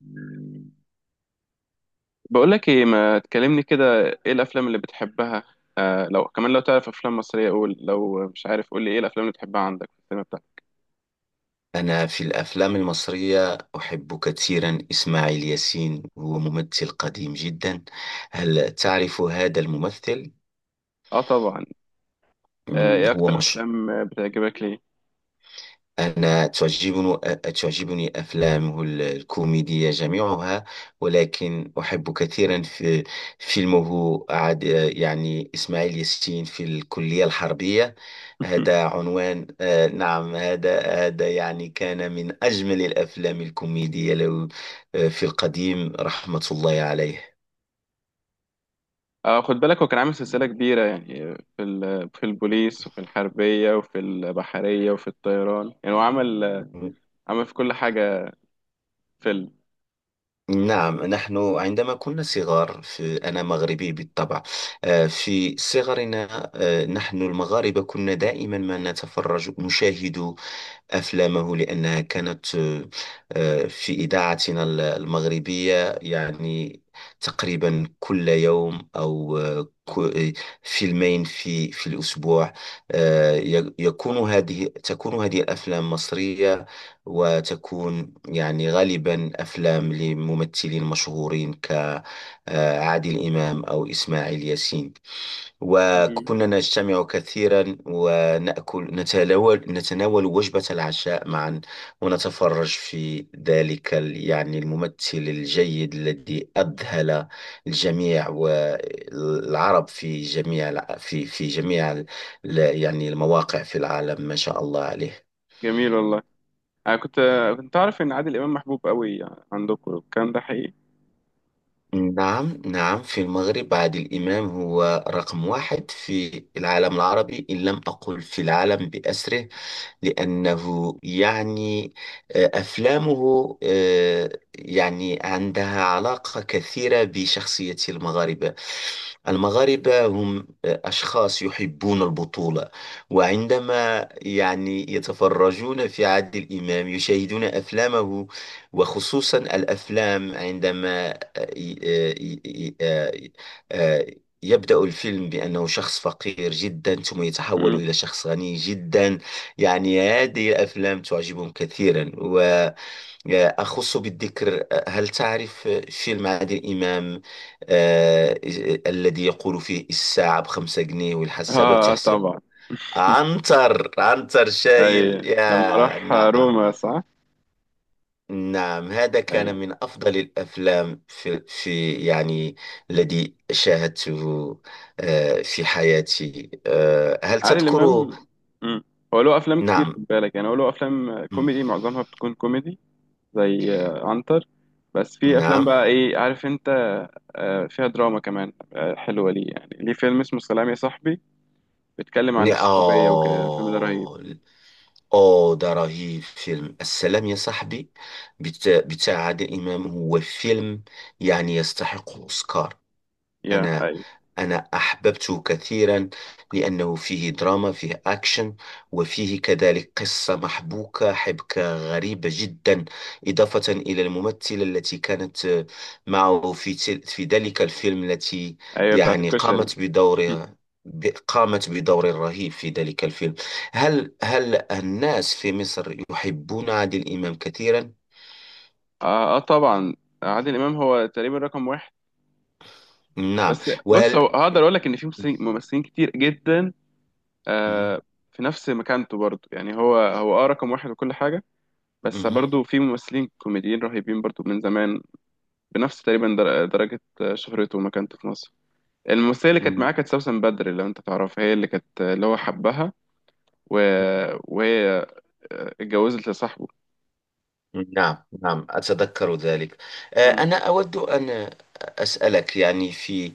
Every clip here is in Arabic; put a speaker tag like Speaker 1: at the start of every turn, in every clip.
Speaker 1: مم. بقول لك ايه، ما تكلمني كده. ايه الافلام اللي بتحبها؟ آه، لو كمان لو تعرف افلام مصريه قول، لو مش عارف قول لي ايه الافلام اللي بتحبها عندك في السينما بتاعتك.
Speaker 2: أنا في الأفلام المصرية أحب كثيرا إسماعيل ياسين. هو ممثل قديم جدا. هل تعرف هذا الممثل؟
Speaker 1: اه طبعا. ايه
Speaker 2: هو
Speaker 1: اكتر
Speaker 2: مش.
Speaker 1: افلام بتعجبك ليه؟
Speaker 2: أنا تعجبني أفلامه الكوميدية جميعها. ولكن أحب كثيرا في فيلمه، عاد يعني، إسماعيل ياسين في الكلية الحربية. هذا عنوان، نعم. هذا يعني كان من أجمل الأفلام الكوميدية له. في القديم، رحمة الله عليه.
Speaker 1: آه، خد بالك هو كان عامل سلسله كبيره يعني. في البوليس وفي الحربيه وفي البحريه وفي الطيران، يعني هو عمل في كل حاجه. فيلم.
Speaker 2: نعم، نحن عندما كنا صغار، أنا مغربي بالطبع. في صغرنا، نحن المغاربة كنا دائما ما نشاهد أفلامه لأنها كانت، في إذاعتنا المغربية، يعني تقريبا كل يوم، أو فيلمين في الأسبوع. آه، ي- يكون هذه تكون هذه الأفلام مصرية، وتكون يعني غالبا أفلام لممثلين مشهورين كعادل إمام أو إسماعيل ياسين.
Speaker 1: مم.
Speaker 2: وكنا نجتمع كثيرا، ونأكل نتناول نتناول وجبة العشاء معا، ونتفرج في ذلك يعني الممثل الجيد الذي أذهل الجميع والعرب في جميع في جميع يعني المواقع في العالم، ما شاء الله عليه.
Speaker 1: جميل والله. انا كنت اعرف ان عادل امام محبوب قوي عندكم، الكلام ده حقيقي؟
Speaker 2: نعم، نعم، في المغرب عادل إمام هو رقم واحد في العالم العربي، إن لم أقل في العالم بأسره. لأنه يعني، أفلامه يعني عندها علاقة كثيرة بشخصية المغاربة. المغاربة هم أشخاص يحبون البطولة. وعندما يعني يتفرجون في عادل إمام، يشاهدون أفلامه، وخصوصا الأفلام عندما، ي- آه، ي- ي- آه، آه، يبدأ الفيلم بأنه شخص فقير جدا، ثم يتحول
Speaker 1: مم.
Speaker 2: إلى شخص غني جدا. يعني هذه الأفلام تعجبهم كثيرا. وأخص بالذكر، هل تعرف فيلم عادل إمام، آه، الذي يقول فيه: الساعة بـ5 جنيه والحسابة
Speaker 1: اه
Speaker 2: بتحسب،
Speaker 1: طبعا.
Speaker 2: عنتر عنتر
Speaker 1: اي،
Speaker 2: شايل،
Speaker 1: لما
Speaker 2: يا
Speaker 1: راح
Speaker 2: نعم.
Speaker 1: روما، صح.
Speaker 2: نعم، هذا كان
Speaker 1: اي.
Speaker 2: من أفضل الأفلام في يعني الذي شاهدته في حياتي. هل
Speaker 1: عادل
Speaker 2: تذكر؟
Speaker 1: امام. مم. هو له افلام كتير،
Speaker 2: نعم.
Speaker 1: خد بالك، يعني هو له افلام
Speaker 2: مم.
Speaker 1: كوميدي، معظمها بتكون كوميدي زي عنتر. بس في افلام
Speaker 2: نعم.
Speaker 1: بقى، ايه عارف انت، فيها دراما كمان حلوه. ليه يعني؟ ليه فيلم اسمه سلام يا صاحبي، بيتكلم عن
Speaker 2: ن-
Speaker 1: الصحوبيه وكده. الفيلم ده رهيب.
Speaker 2: آه ده رهيب. فيلم السلام يا صاحبي بتاع عادل إمام، هو فيلم يعني يستحق أوسكار.
Speaker 1: يا
Speaker 2: أنا
Speaker 1: ايوه.
Speaker 2: أنا أحببته كثيرا، لأنه فيه دراما، فيه أكشن، وفيه كذلك قصة محبوكة، حبكة غريبة جدا، إضافة إلى الممثلة التي كانت، معه في في ذلك الفيلم، التي
Speaker 1: ايوه بتاعت
Speaker 2: يعني
Speaker 1: الكشري.
Speaker 2: قامت بدورها، قامت بدور رهيب في ذلك الفيلم. هل الناس في مصر يحبون عادل إمام كثيرا؟
Speaker 1: طبعا. عادل امام هو تقريبا رقم واحد.
Speaker 2: نعم.
Speaker 1: بس بص،
Speaker 2: وهل.
Speaker 1: هو هقدر اقول لك ان في ممثلين ممثلين كتير جدا،
Speaker 2: مهم.
Speaker 1: آه، في نفس مكانته برضه، يعني هو رقم واحد وكل حاجة. بس برضه في ممثلين كوميديين رهيبين برضه من زمان، بنفس تقريبا درجة شهرته ومكانته في مصر. الممثلة اللي كانت
Speaker 2: مهم.
Speaker 1: معاه كانت سوسن بدر، لو انت تعرفها، هي اللي كانت اللي هو حبها و... وهي اتجوزت لصاحبه.
Speaker 2: نعم، نعم، أتذكر ذلك.
Speaker 1: مم.
Speaker 2: أنا أود أن أسألك، يعني، في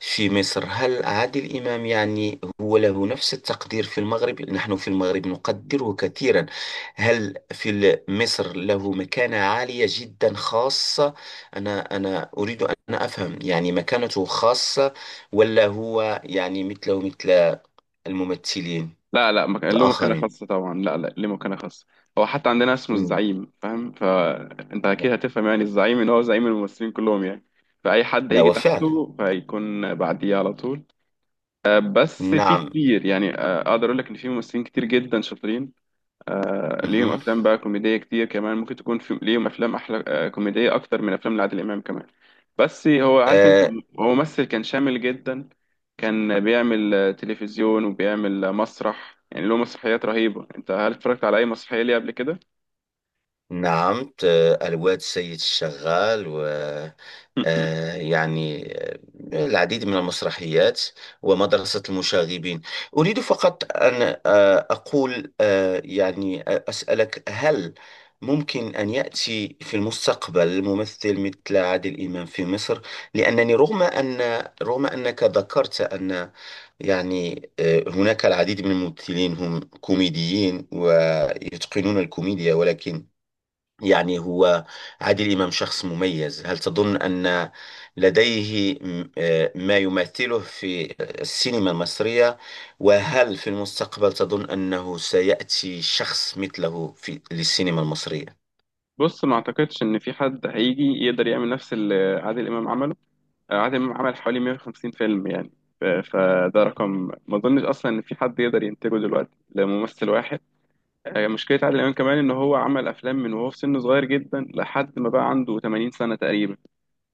Speaker 2: في مصر، هل عادل إمام يعني هو له نفس التقدير؟ في المغرب، نحن في المغرب نقدره كثيرا. هل في مصر له مكانة عالية جدا خاصة؟ أنا أريد أن أفهم يعني مكانته خاصة، ولا هو يعني مثله مثل الممثلين
Speaker 1: لا لا، ما كان له مكانة
Speaker 2: الآخرين؟
Speaker 1: خاصة طبعا. لا لا، ليه مكانة خاصة، هو حتى عندنا اسمه
Speaker 2: مم.
Speaker 1: الزعيم، فاهم؟ فانت اكيد هتفهم يعني الزعيم، ان هو زعيم الممثلين كلهم يعني. فأي حد
Speaker 2: لا،
Speaker 1: يجي
Speaker 2: وفعلا.
Speaker 1: تحته فيكون بعديه على طول. بس في
Speaker 2: نعم.
Speaker 1: كتير يعني، اقدر اقول لك ان في ممثلين كتير جدا شاطرين، ليهم
Speaker 2: مهم.
Speaker 1: افلام بقى كوميديه كتير كمان. ممكن تكون في ليهم افلام احلى كوميديه اكتر من افلام لعادل امام كمان. بس هو، عارف انت،
Speaker 2: آه،
Speaker 1: هو ممثل كان شامل جدا. كان بيعمل تلفزيون وبيعمل مسرح، يعني له مسرحيات رهيبه. انت هل اتفرجت على اي مسرحيه ليه قبل كده؟
Speaker 2: نعم. الواد سيد الشغال، و يعني العديد من المسرحيات، ومدرسة المشاغبين. أريد فقط أن أقول، يعني، أسألك: هل ممكن أن يأتي في المستقبل ممثل مثل عادل إمام في مصر؟ لأنني رغم أنك ذكرت أن، يعني، هناك العديد من الممثلين هم كوميديين ويتقنون الكوميديا، ولكن، يعني، هو عادل إمام شخص مميز. هل تظن أن لديه ما يمثله في السينما المصرية؟ وهل في المستقبل تظن أنه سيأتي شخص مثله للسينما المصرية؟
Speaker 1: بص، ما اعتقدش ان في حد هيجي يقدر يعمل نفس اللي عادل امام عمله. عادل إمام عمل حوالي 150 فيلم يعني. فده رقم، ما اظنش اصلا ان في حد يقدر ينتجه دلوقتي لممثل واحد. مشكله عادل امام كمان ان هو عمل افلام من وهو في سن صغير جدا لحد ما بقى عنده 80 سنه تقريبا.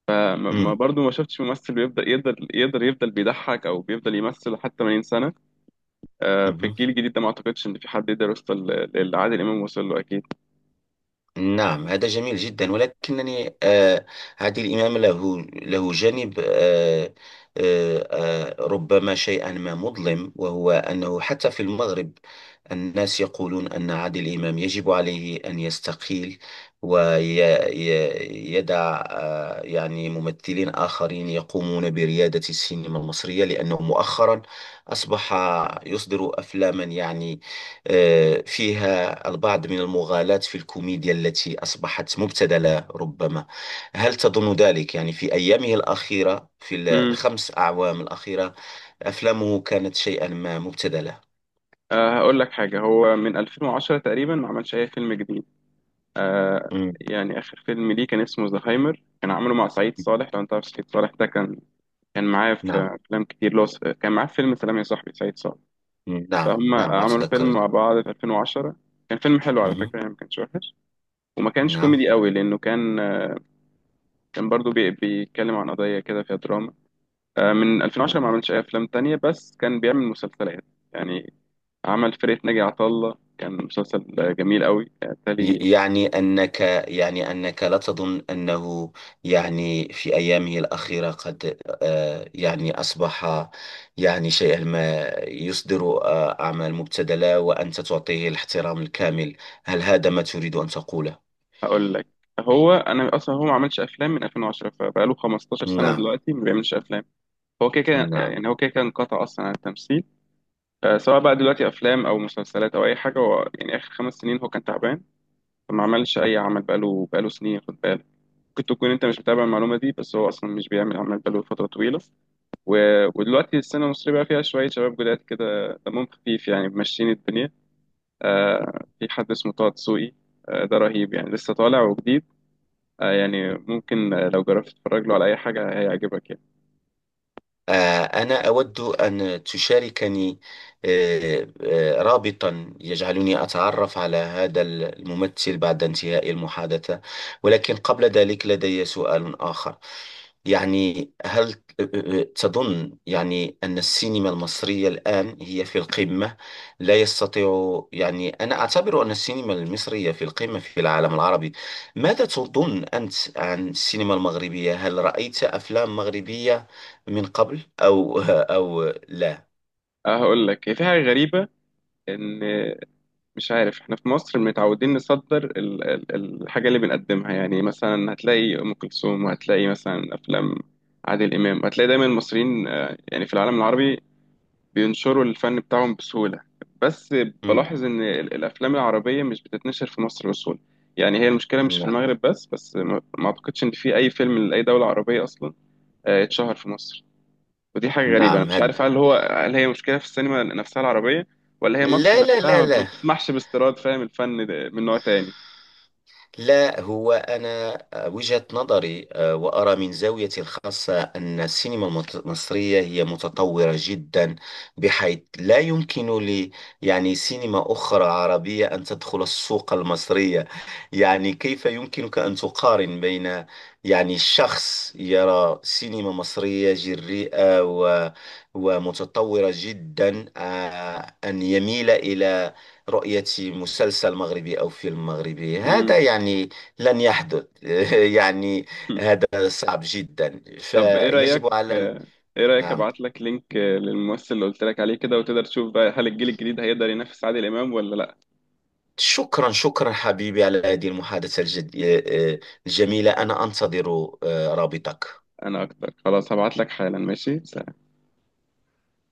Speaker 1: ما
Speaker 2: مم.
Speaker 1: برضو ما شفتش ممثل بيفضل يقدر يفضل بيضحك او بيفضل يمثل لحد 80 سنه. في
Speaker 2: مهم.
Speaker 1: الجيل الجديد ده ما اعتقدش ان في حد يقدر يوصل للي عادل امام وصل له اكيد.
Speaker 2: نعم، هذا جميل جدا. ولكنني هذه الإمام، له جانب، آه ربما شيئا ما مظلم، وهو أنه حتى في المغرب، الناس يقولون أن عادل إمام يجب عليه أن يستقيل، ويدع، يعني، ممثلين آخرين يقومون بريادة السينما المصرية، لأنه مؤخرا أصبح يصدر أفلاما، يعني، فيها البعض من المغالاة في الكوميديا التي أصبحت مبتذلة ربما. هل تظن ذلك؟ يعني في أيامه الأخيرة، في
Speaker 1: امم
Speaker 2: الخمس أعوام الأخيرة، أفلامه كانت شيئا ما مبتذلة.
Speaker 1: هقول لك حاجه. هو من 2010 تقريبا ما عملش اي فيلم جديد. آه
Speaker 2: مم.
Speaker 1: يعني آخر فيلم ليه كان اسمه زهايمر، كان عامله مع سعيد صالح. لو أنت عارف سعيد صالح ده، كان معاه في
Speaker 2: نعم.
Speaker 1: أفلام كتير، لو كان معاه في فيلم سلام يا صاحبي، سعيد صالح.
Speaker 2: مم. نعم،
Speaker 1: فهم
Speaker 2: نعم،
Speaker 1: عملوا فيلم
Speaker 2: أتذكر.
Speaker 1: مع بعض في 2010، كان فيلم حلو على
Speaker 2: مم.
Speaker 1: فكرة يعني، ما كانش وحش وما كانش
Speaker 2: نعم.
Speaker 1: كوميدي قوي لأنه كان برضو بيتكلم عن قضية كده فيها دراما. آه، من 2010 ما عملش أي أفلام تانية، بس كان بيعمل مسلسلات. يعني عمل فرقة ناجي عطا الله، كان مسلسل جميل قوي. بالتالي
Speaker 2: يعني أنك يعني أنك لا تظن أنه، يعني، في أيامه الأخيرة قد، يعني، أصبح يعني شيئا ما، يصدر أعمال مبتذلة، وأنت تعطيه الاحترام الكامل. هل هذا ما تريد أن تقوله؟
Speaker 1: هقول لك، هو انا اصلا هو ما عملش افلام من 2010، فبقاله 15 سنه
Speaker 2: نعم.
Speaker 1: دلوقتي ما بيعملش افلام. هو كده كده
Speaker 2: نعم.
Speaker 1: يعني، هو كده كده انقطع اصلا عن التمثيل. سواء بقى دلوقتي افلام او مسلسلات او اي حاجه، هو يعني اخر خمس سنين هو كان تعبان، فما عملش اي عمل بقاله سنين، خد بالك. ممكن تكون انت مش متابع المعلومه دي، بس هو اصلا مش بيعمل عمل بقاله فتره طويله و... ودلوقتي السينما المصريه بقى فيها شويه شباب جداد كده، دمهم خفيف يعني، ماشيين الدنيا. في حد اسمه طه دسوقي، ده رهيب يعني، لسه طالع وجديد. يعني ممكن، لو جربت تتفرج له على اي حاجه هيعجبك يعني.
Speaker 2: أنا أود أن تشاركني رابطا يجعلني أتعرف على هذا الممثل بعد انتهاء المحادثة. ولكن قبل ذلك لدي سؤال آخر. يعني، هل تظن، يعني، أن السينما المصرية الآن هي في القمة؟ لا يستطيع، يعني، أنا أعتبر أن السينما المصرية في القمة في العالم العربي. ماذا تظن أنت عن السينما المغربية؟ هل رأيت أفلام مغربية من قبل، أو لا؟
Speaker 1: هقول لك، هي في حاجه غريبه. ان... مش عارف، احنا في مصر متعودين نصدر الحاجه اللي بنقدمها، يعني مثلا هتلاقي ام كلثوم، وهتلاقي مثلا افلام عادل امام. هتلاقي دايما المصريين يعني في العالم العربي بينشروا الفن بتاعهم بسهوله. بس
Speaker 2: مم.
Speaker 1: بلاحظ ان الافلام العربيه مش بتتنشر في مصر بسهوله. يعني هي المشكله مش في
Speaker 2: نعم،
Speaker 1: المغرب بس، بس ما اعتقدش ان في اي فيلم لاي دوله عربيه اصلا اتشهر في مصر. ودي حاجة غريبة، أنا
Speaker 2: نعم.
Speaker 1: مش عارف، هل هو، هل هي مشكلة في السينما نفسها العربية، ولا هي مصر
Speaker 2: لا، لا،
Speaker 1: نفسها
Speaker 2: لا،
Speaker 1: ما
Speaker 2: لا.
Speaker 1: بتسمحش باستيراد، فاهم، الفن ده من نوع تاني.
Speaker 2: لا، هو أنا وجهة نظري، وأرى من زاويتي الخاصة أن السينما المصرية هي متطورة جدا، بحيث لا يمكن لي، يعني، سينما أخرى عربية أن تدخل السوق المصرية. يعني كيف يمكنك أن تقارن بين، يعني، شخص يرى سينما مصرية جريئة و ومتطورة جدا، أن يميل إلى رؤية مسلسل مغربي أو فيلم مغربي؟ هذا
Speaker 1: مم.
Speaker 2: يعني لن يحدث. يعني هذا صعب جدا،
Speaker 1: طب إيه رأيك،
Speaker 2: فيجب على
Speaker 1: إيه رأيك
Speaker 2: نعم.
Speaker 1: أبعت لك لينك للممثل اللي قلت لك عليه كده، وتقدر تشوف بقى هل الجيل الجديد هيقدر ينافس عادل إمام ولا لأ.
Speaker 2: شكرا، شكرا حبيبي على هذه المحادثة الجد... آه، آه، الجميلة. أنا أنتظر رابطك.
Speaker 1: أنا أكتر، خلاص هبعت لك حالا، ماشي.